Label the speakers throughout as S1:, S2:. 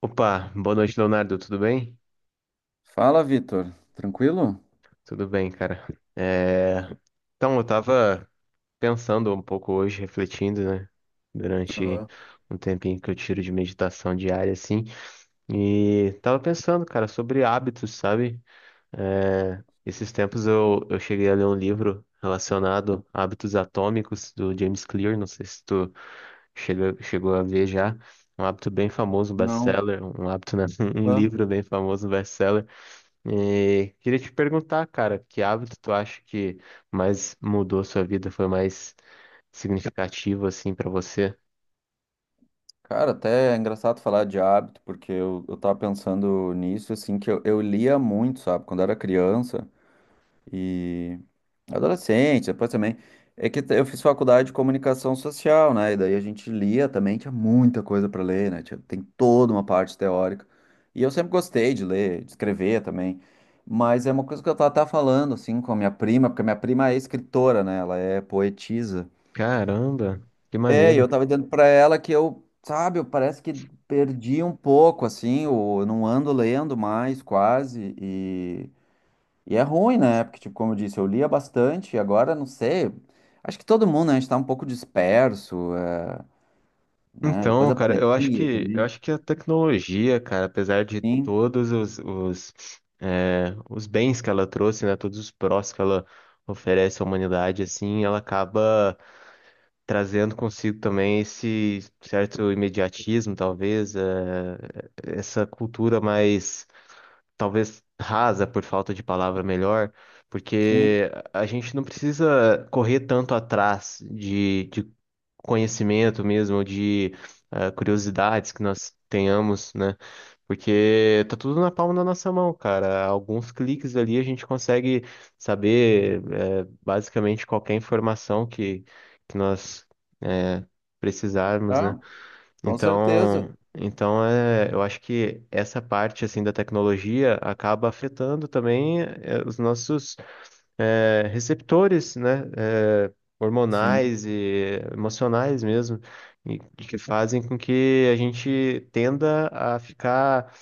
S1: Opa, boa noite, Leonardo. Tudo bem?
S2: Fala, Vitor. Tranquilo?
S1: Tudo bem, cara. É, Então, eu tava pensando um pouco hoje, refletindo, né? Durante
S2: Ah,
S1: um tempinho que eu tiro de meditação diária, assim. E tava pensando, cara, sobre hábitos, sabe? Esses tempos eu cheguei a ler um livro relacionado a hábitos atômicos do James Clear. Não sei se tu chegou a ver já. Um hábito bem famoso, um
S2: Não.
S1: best-seller. Um hábito, né? Um livro best-seller, um
S2: Ah,
S1: livro bem famoso, um best-seller. E queria te perguntar, cara, que hábito tu acha que mais mudou sua vida, foi mais significativo assim pra você?
S2: Cara, até é engraçado falar de hábito, porque eu tava pensando nisso, assim, que eu lia muito, sabe, quando era criança e adolescente, depois também. É que eu fiz faculdade de comunicação social, né? E daí a gente lia também, tinha muita coisa pra ler, né? Tem toda uma parte teórica. E eu sempre gostei de ler, de escrever também. Mas é uma coisa que eu tava até falando, assim, com a minha prima, porque a minha prima é escritora, né? Ela é poetisa.
S1: Caramba, que
S2: É, e
S1: maneiro.
S2: eu tava dizendo pra ela que eu, sabe, eu parece que perdi um pouco, assim, eu não ando lendo mais, quase, e é ruim, né? Porque, tipo, como eu disse, eu lia bastante, e agora, não sei, acho que todo mundo, né, a gente tá um pouco disperso, é, né? Depois
S1: Então,
S2: da
S1: cara,
S2: pandemia
S1: eu
S2: também.
S1: acho que a tecnologia, cara, apesar de
S2: Sim,
S1: todos os bens que ela trouxe, né, todos os prós que ela oferece à humanidade, assim, ela acaba trazendo consigo também esse certo imediatismo, talvez, essa cultura mais talvez rasa, por falta de palavra melhor,
S2: sim,
S1: porque a gente não precisa correr tanto atrás de conhecimento mesmo, de curiosidades que nós tenhamos, né? Porque tá tudo na palma da nossa mão, cara. Alguns cliques ali a gente consegue saber, basicamente qualquer informação que nós eh, precisarmos, né?
S2: ah, com certeza,
S1: Então, é, eu acho que essa parte assim da tecnologia acaba afetando também, os nossos receptores, né,
S2: sim,
S1: hormonais e emocionais mesmo, e que fazem com que a gente tenda a ficar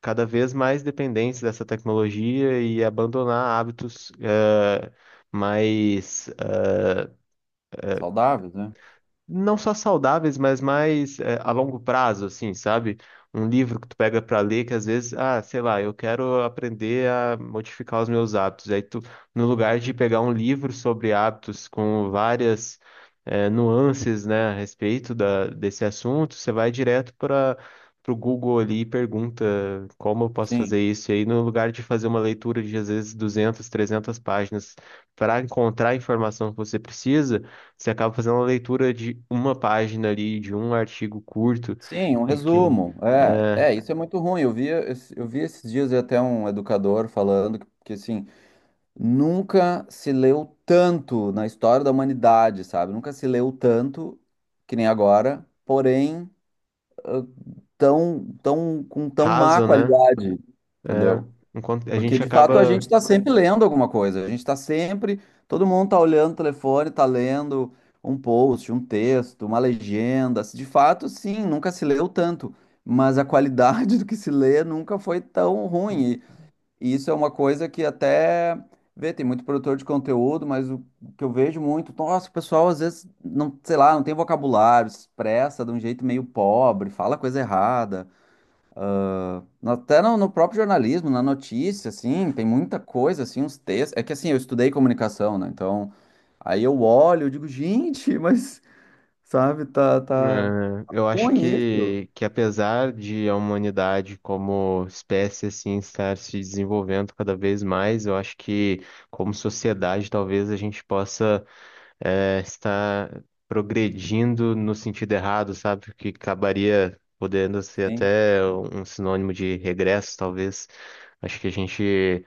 S1: cada vez mais dependente dessa tecnologia e abandonar hábitos, mais,
S2: saudáveis, né?
S1: não só saudáveis, mas mais é, a longo prazo, assim, sabe? Um livro que tu pega pra ler, que às vezes, ah, sei lá, eu quero aprender a modificar os meus hábitos. Aí tu, no lugar de pegar um livro sobre hábitos com várias, nuances, né, a respeito desse assunto, você vai direto para pro Google ali e pergunta como eu posso fazer
S2: Sim,
S1: isso. E aí, no lugar de fazer uma leitura de às vezes duzentas, 300 páginas para encontrar a informação que você precisa, você acaba fazendo uma leitura de uma página ali, de um artigo curto
S2: sim, um
S1: e que
S2: resumo, é,
S1: é
S2: é, isso é muito ruim, eu vi esses dias até um educador falando que assim, nunca se leu tanto na história da humanidade, sabe? Nunca se leu tanto que nem agora, porém ah, tão, com tão má
S1: raso, né?
S2: qualidade,
S1: É,
S2: entendeu?
S1: enquanto a
S2: Porque
S1: gente
S2: de fato a gente
S1: acaba,
S2: está sempre lendo alguma coisa, a gente está sempre, todo mundo está olhando o telefone, está lendo um post, um texto, uma legenda. De fato, sim, nunca se leu tanto, mas a qualidade do que se lê nunca foi tão ruim. E isso é uma coisa que até vê, tem muito produtor de conteúdo, mas o que eu vejo muito, nossa, o pessoal às vezes não, sei lá, não tem vocabulário, se expressa de um jeito meio pobre, fala coisa errada. Até no próprio jornalismo, na notícia, assim, tem muita coisa, assim, uns textos. É que assim, eu estudei comunicação, né? Então, aí eu olho, eu digo, gente, mas, sabe, tá
S1: é, eu acho
S2: ruim isso.
S1: que apesar de a humanidade como espécie assim estar se desenvolvendo cada vez mais, eu acho que como sociedade talvez a gente possa, está progredindo no sentido errado, sabe? Que acabaria podendo ser
S2: Sim.
S1: até um sinônimo de regresso, talvez. Acho que a gente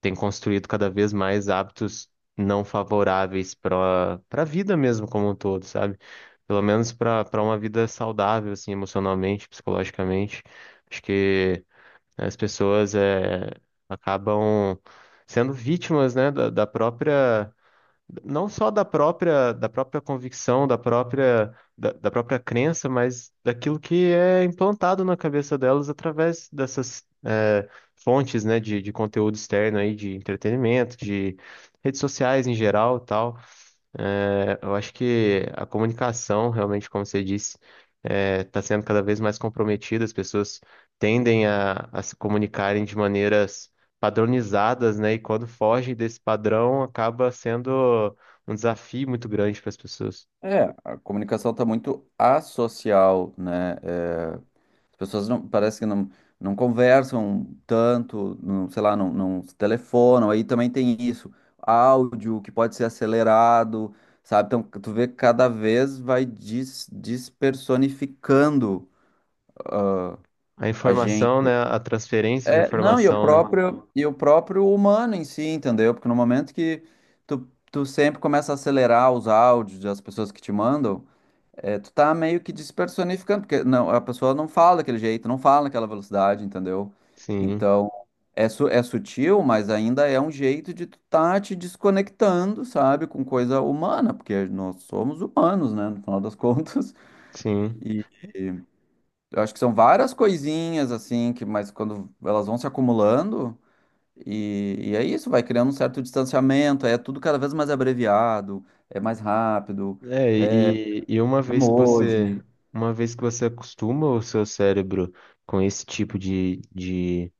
S1: tem construído cada vez mais hábitos não favoráveis para a vida mesmo como um todo, sabe? Pelo menos para uma vida saudável, assim, emocionalmente, psicologicamente. Acho que as pessoas, é, acabam sendo vítimas, né, da própria, não só da própria, convicção, da própria, da própria crença, mas daquilo que é implantado na cabeça delas através dessas, fontes, né, de conteúdo externo aí, de entretenimento, de redes sociais em geral, e tal. É, eu acho que a comunicação, realmente, como você disse, está sendo cada vez mais comprometida. As pessoas tendem a se comunicarem de maneiras padronizadas, né? E quando fogem desse padrão, acaba sendo um desafio muito grande para as pessoas.
S2: É, a comunicação tá muito asocial, né? É, as pessoas não, parece que não, não conversam tanto, não, sei lá, não, não se telefonam. Aí também tem isso, áudio que pode ser acelerado, sabe? Então, tu vê que cada vez vai despersonificando
S1: A
S2: a
S1: informação,
S2: gente.
S1: né? A transferência de
S2: É, não,
S1: informação, né?
S2: e o próprio humano em si, entendeu? Porque no momento que tu sempre começa a acelerar os áudios das pessoas que te mandam, é, tu tá meio que despersonificando, porque não, a pessoa não fala daquele jeito, não fala naquela velocidade, entendeu?
S1: Sim,
S2: Então, é, é sutil, mas ainda é um jeito de tu tá te desconectando, sabe, com coisa humana, porque nós somos humanos, né, no final das contas.
S1: sim.
S2: E, eu acho que são várias coisinhas, assim, que, mas quando elas vão se acumulando, e é isso, vai criando um certo distanciamento, é tudo cada vez mais abreviado, é mais rápido,
S1: É,
S2: é
S1: e, e uma vez que
S2: emoji.
S1: uma vez que você acostuma o seu cérebro com esse tipo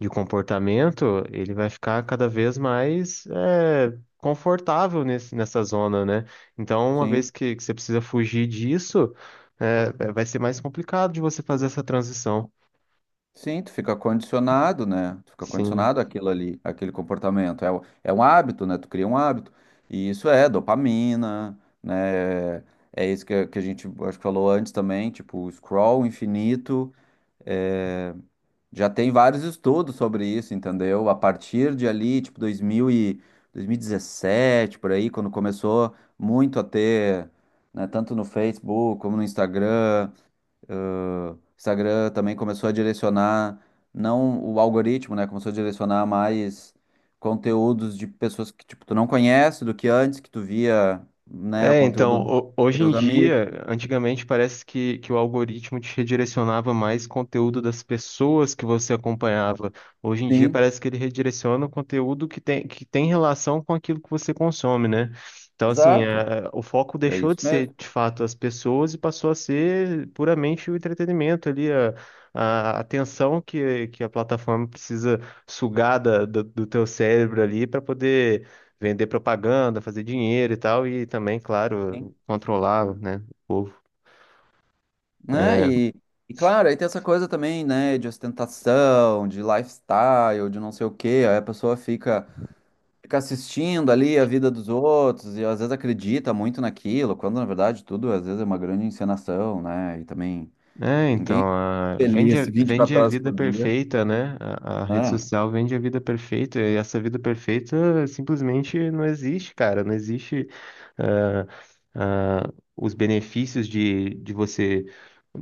S1: de comportamento, ele vai ficar cada vez mais, é, confortável nessa zona, né? Então, uma vez
S2: Sim.
S1: que você precisa fugir disso, vai ser mais complicado de você fazer essa transição.
S2: Sim, tu fica condicionado, né? Tu fica
S1: Sim.
S2: condicionado àquilo ali, àquele comportamento. É, é um hábito, né? Tu cria um hábito. E isso é dopamina, né? É isso que, que a gente acho que falou antes também, tipo, o scroll infinito. É, já tem vários estudos sobre isso, entendeu? A partir de ali, tipo, 2000 e 2017, por aí, quando começou muito a ter, né, tanto no Facebook como no Instagram. Ah, o Instagram também começou a direcionar, não o algoritmo, né? Começou a direcionar mais conteúdos de pessoas que, tipo, tu não conhece do que antes, que tu via, né, o
S1: É,
S2: conteúdo
S1: então,
S2: dos
S1: hoje em
S2: teus amigos.
S1: dia, antigamente parece que o algoritmo te redirecionava mais conteúdo das pessoas que você acompanhava. Hoje em dia
S2: Sim,
S1: parece que ele redireciona o conteúdo que tem relação com aquilo que você consome, né? Então, assim,
S2: exato.
S1: é, o foco
S2: É
S1: deixou
S2: isso
S1: de
S2: mesmo.
S1: ser, de fato, as pessoas, e passou a ser puramente o entretenimento ali, a atenção que a plataforma precisa sugar do, do teu cérebro ali para poder vender propaganda, fazer dinheiro e tal, e também,
S2: Sim.
S1: claro, controlar, né, o povo.
S2: Né? E claro, aí tem essa coisa também, né, de ostentação, de lifestyle, de não sei o quê. Aí a pessoa fica, fica assistindo ali a vida dos outros e às vezes acredita muito naquilo, quando na verdade tudo às vezes é uma grande encenação, né? E também
S1: É, então,
S2: ninguém é
S1: vende,
S2: feliz vinte e
S1: vende
S2: quatro
S1: a
S2: horas
S1: vida
S2: por dia,
S1: perfeita, né? A rede
S2: né?
S1: social vende a vida perfeita, e essa vida perfeita simplesmente não existe, cara. Não existe. Ah, ah, os benefícios de você.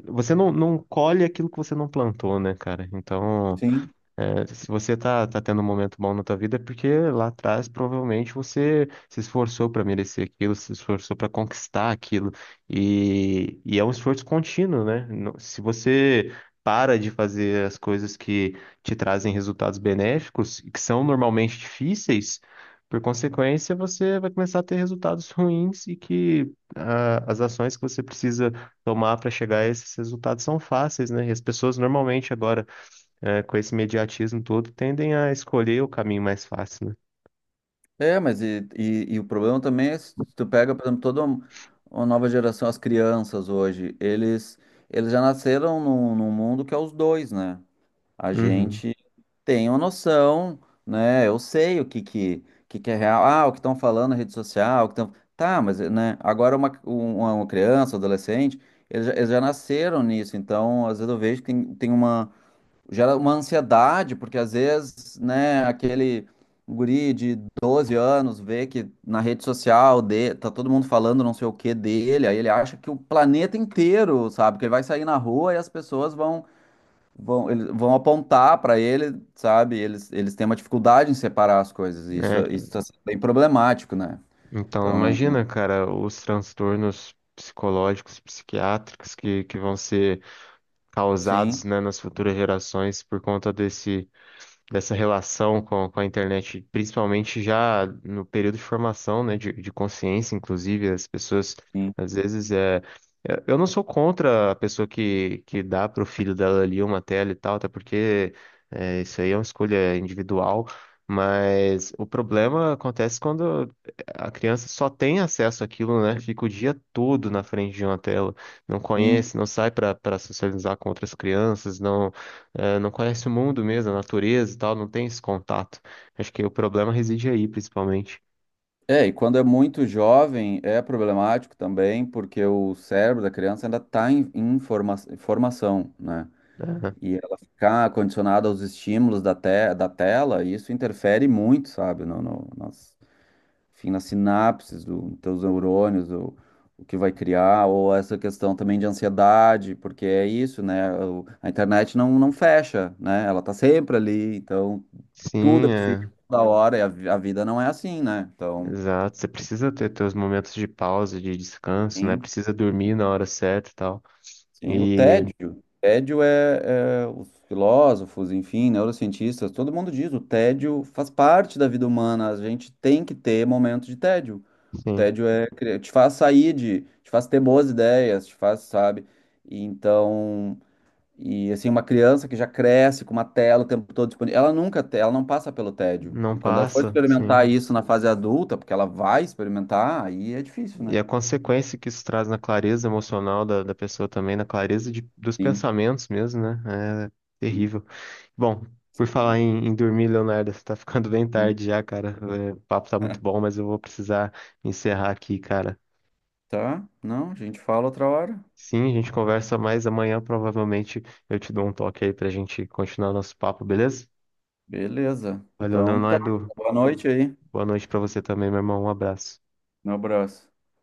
S1: Você não, não colhe aquilo que você não plantou, né, cara? Então,
S2: Sim.
S1: é, se você tá, tá tendo um momento bom na tua vida, é porque lá atrás provavelmente você se esforçou para merecer aquilo, se esforçou para conquistar aquilo. E é um esforço contínuo, né? Se você para de fazer as coisas que te trazem resultados benéficos, e que são normalmente difíceis, por consequência, você vai começar a ter resultados ruins. E que, ah, as ações que você precisa tomar para chegar a esses resultados são fáceis, né? E as pessoas normalmente agora, é, com esse imediatismo todo, tendem a escolher o caminho mais fácil, né?
S2: É, mas e o problema também é se tu pega, por exemplo, uma nova geração, as crianças hoje, eles já nasceram num, num mundo que é os dois, né? A
S1: Uhum.
S2: gente tem uma noção, né? Eu sei o que que é real. Ah, o que estão falando na rede social, o que tão... Tá, mas né? Agora uma criança, um adolescente, eles já nasceram nisso. Então, às vezes eu vejo que tem, tem uma... Gera uma ansiedade, porque às vezes, né? Aquele guri de 12 anos vê que na rede social de, tá todo mundo falando não sei o que dele. Aí ele acha que o planeta inteiro, sabe? Que ele vai sair na rua e as pessoas vão, eles vão apontar para ele, sabe? Eles têm uma dificuldade em separar as coisas, e isso
S1: É,
S2: isso está sendo bem problemático, né?
S1: então,
S2: Então,
S1: imagina, cara, os transtornos psicológicos, psiquiátricos que vão ser causados,
S2: sim,
S1: né, nas futuras gerações por conta desse dessa relação com a internet, principalmente já no período de formação, né, de consciência, inclusive, as pessoas,
S2: sim,
S1: às vezes, é... Eu não sou contra a pessoa que dá para o filho dela ali uma tela e tal, até porque, é, isso aí é uma escolha individual, mas o problema acontece quando a criança só tem acesso àquilo, né? Fica o dia todo na frente de uma tela, não
S2: sim.
S1: conhece, não sai para socializar com outras crianças, não, não conhece o mundo mesmo, a natureza e tal, não tem esse contato. Acho que o problema reside aí, principalmente.
S2: É, e quando é muito jovem é problemático também, porque o cérebro da criança ainda está em, formação, né?
S1: Né?
S2: E ela ficar condicionada aos estímulos da, te, da tela, isso interfere muito, sabe, no, no, enfim, nas sinapses dos teus neurônios, o que vai criar, ou essa questão também de ansiedade, porque é isso, né? A internet não, não fecha, né? Ela tá sempre ali, então tudo é
S1: Sim,
S2: possível
S1: é,
S2: toda hora, e a, a vida não é assim, né? Então,
S1: exato. Você precisa ter teus momentos de pausa, de descanso, né?
S2: sim,
S1: Precisa dormir na hora certa e tal.
S2: sim, o
S1: E,
S2: tédio. Tédio é, é os filósofos, enfim, neurocientistas, todo mundo diz, o tédio faz parte da vida humana, a gente tem que ter momentos de tédio.
S1: sim,
S2: Tédio é, te faz sair de, te faz ter boas ideias, te faz, sabe? E então, e assim, uma criança que já cresce com uma tela o tempo todo disponível, ela nunca, ela não passa pelo tédio.
S1: não
S2: E quando ela for
S1: passa,
S2: experimentar
S1: sim.
S2: isso na fase adulta, porque ela vai experimentar, aí é difícil,
S1: E
S2: né?
S1: a consequência que isso traz na clareza emocional da pessoa também, na clareza dos
S2: Sim,
S1: pensamentos mesmo, né? É
S2: sim,
S1: terrível. Bom, por falar
S2: sim.
S1: em dormir, Leonardo, você tá ficando bem
S2: Sim.
S1: tarde já, cara. É, o papo tá muito bom, mas eu vou precisar encerrar aqui, cara.
S2: Tá? Não, a gente fala outra hora.
S1: Sim, a gente conversa mais amanhã, provavelmente eu te dou um toque aí pra gente continuar nosso papo, beleza?
S2: Beleza.
S1: Valeu,
S2: Então tá.
S1: Leonardo.
S2: Boa noite aí.
S1: Boa noite pra você também, meu irmão. Um abraço.
S2: Um abraço.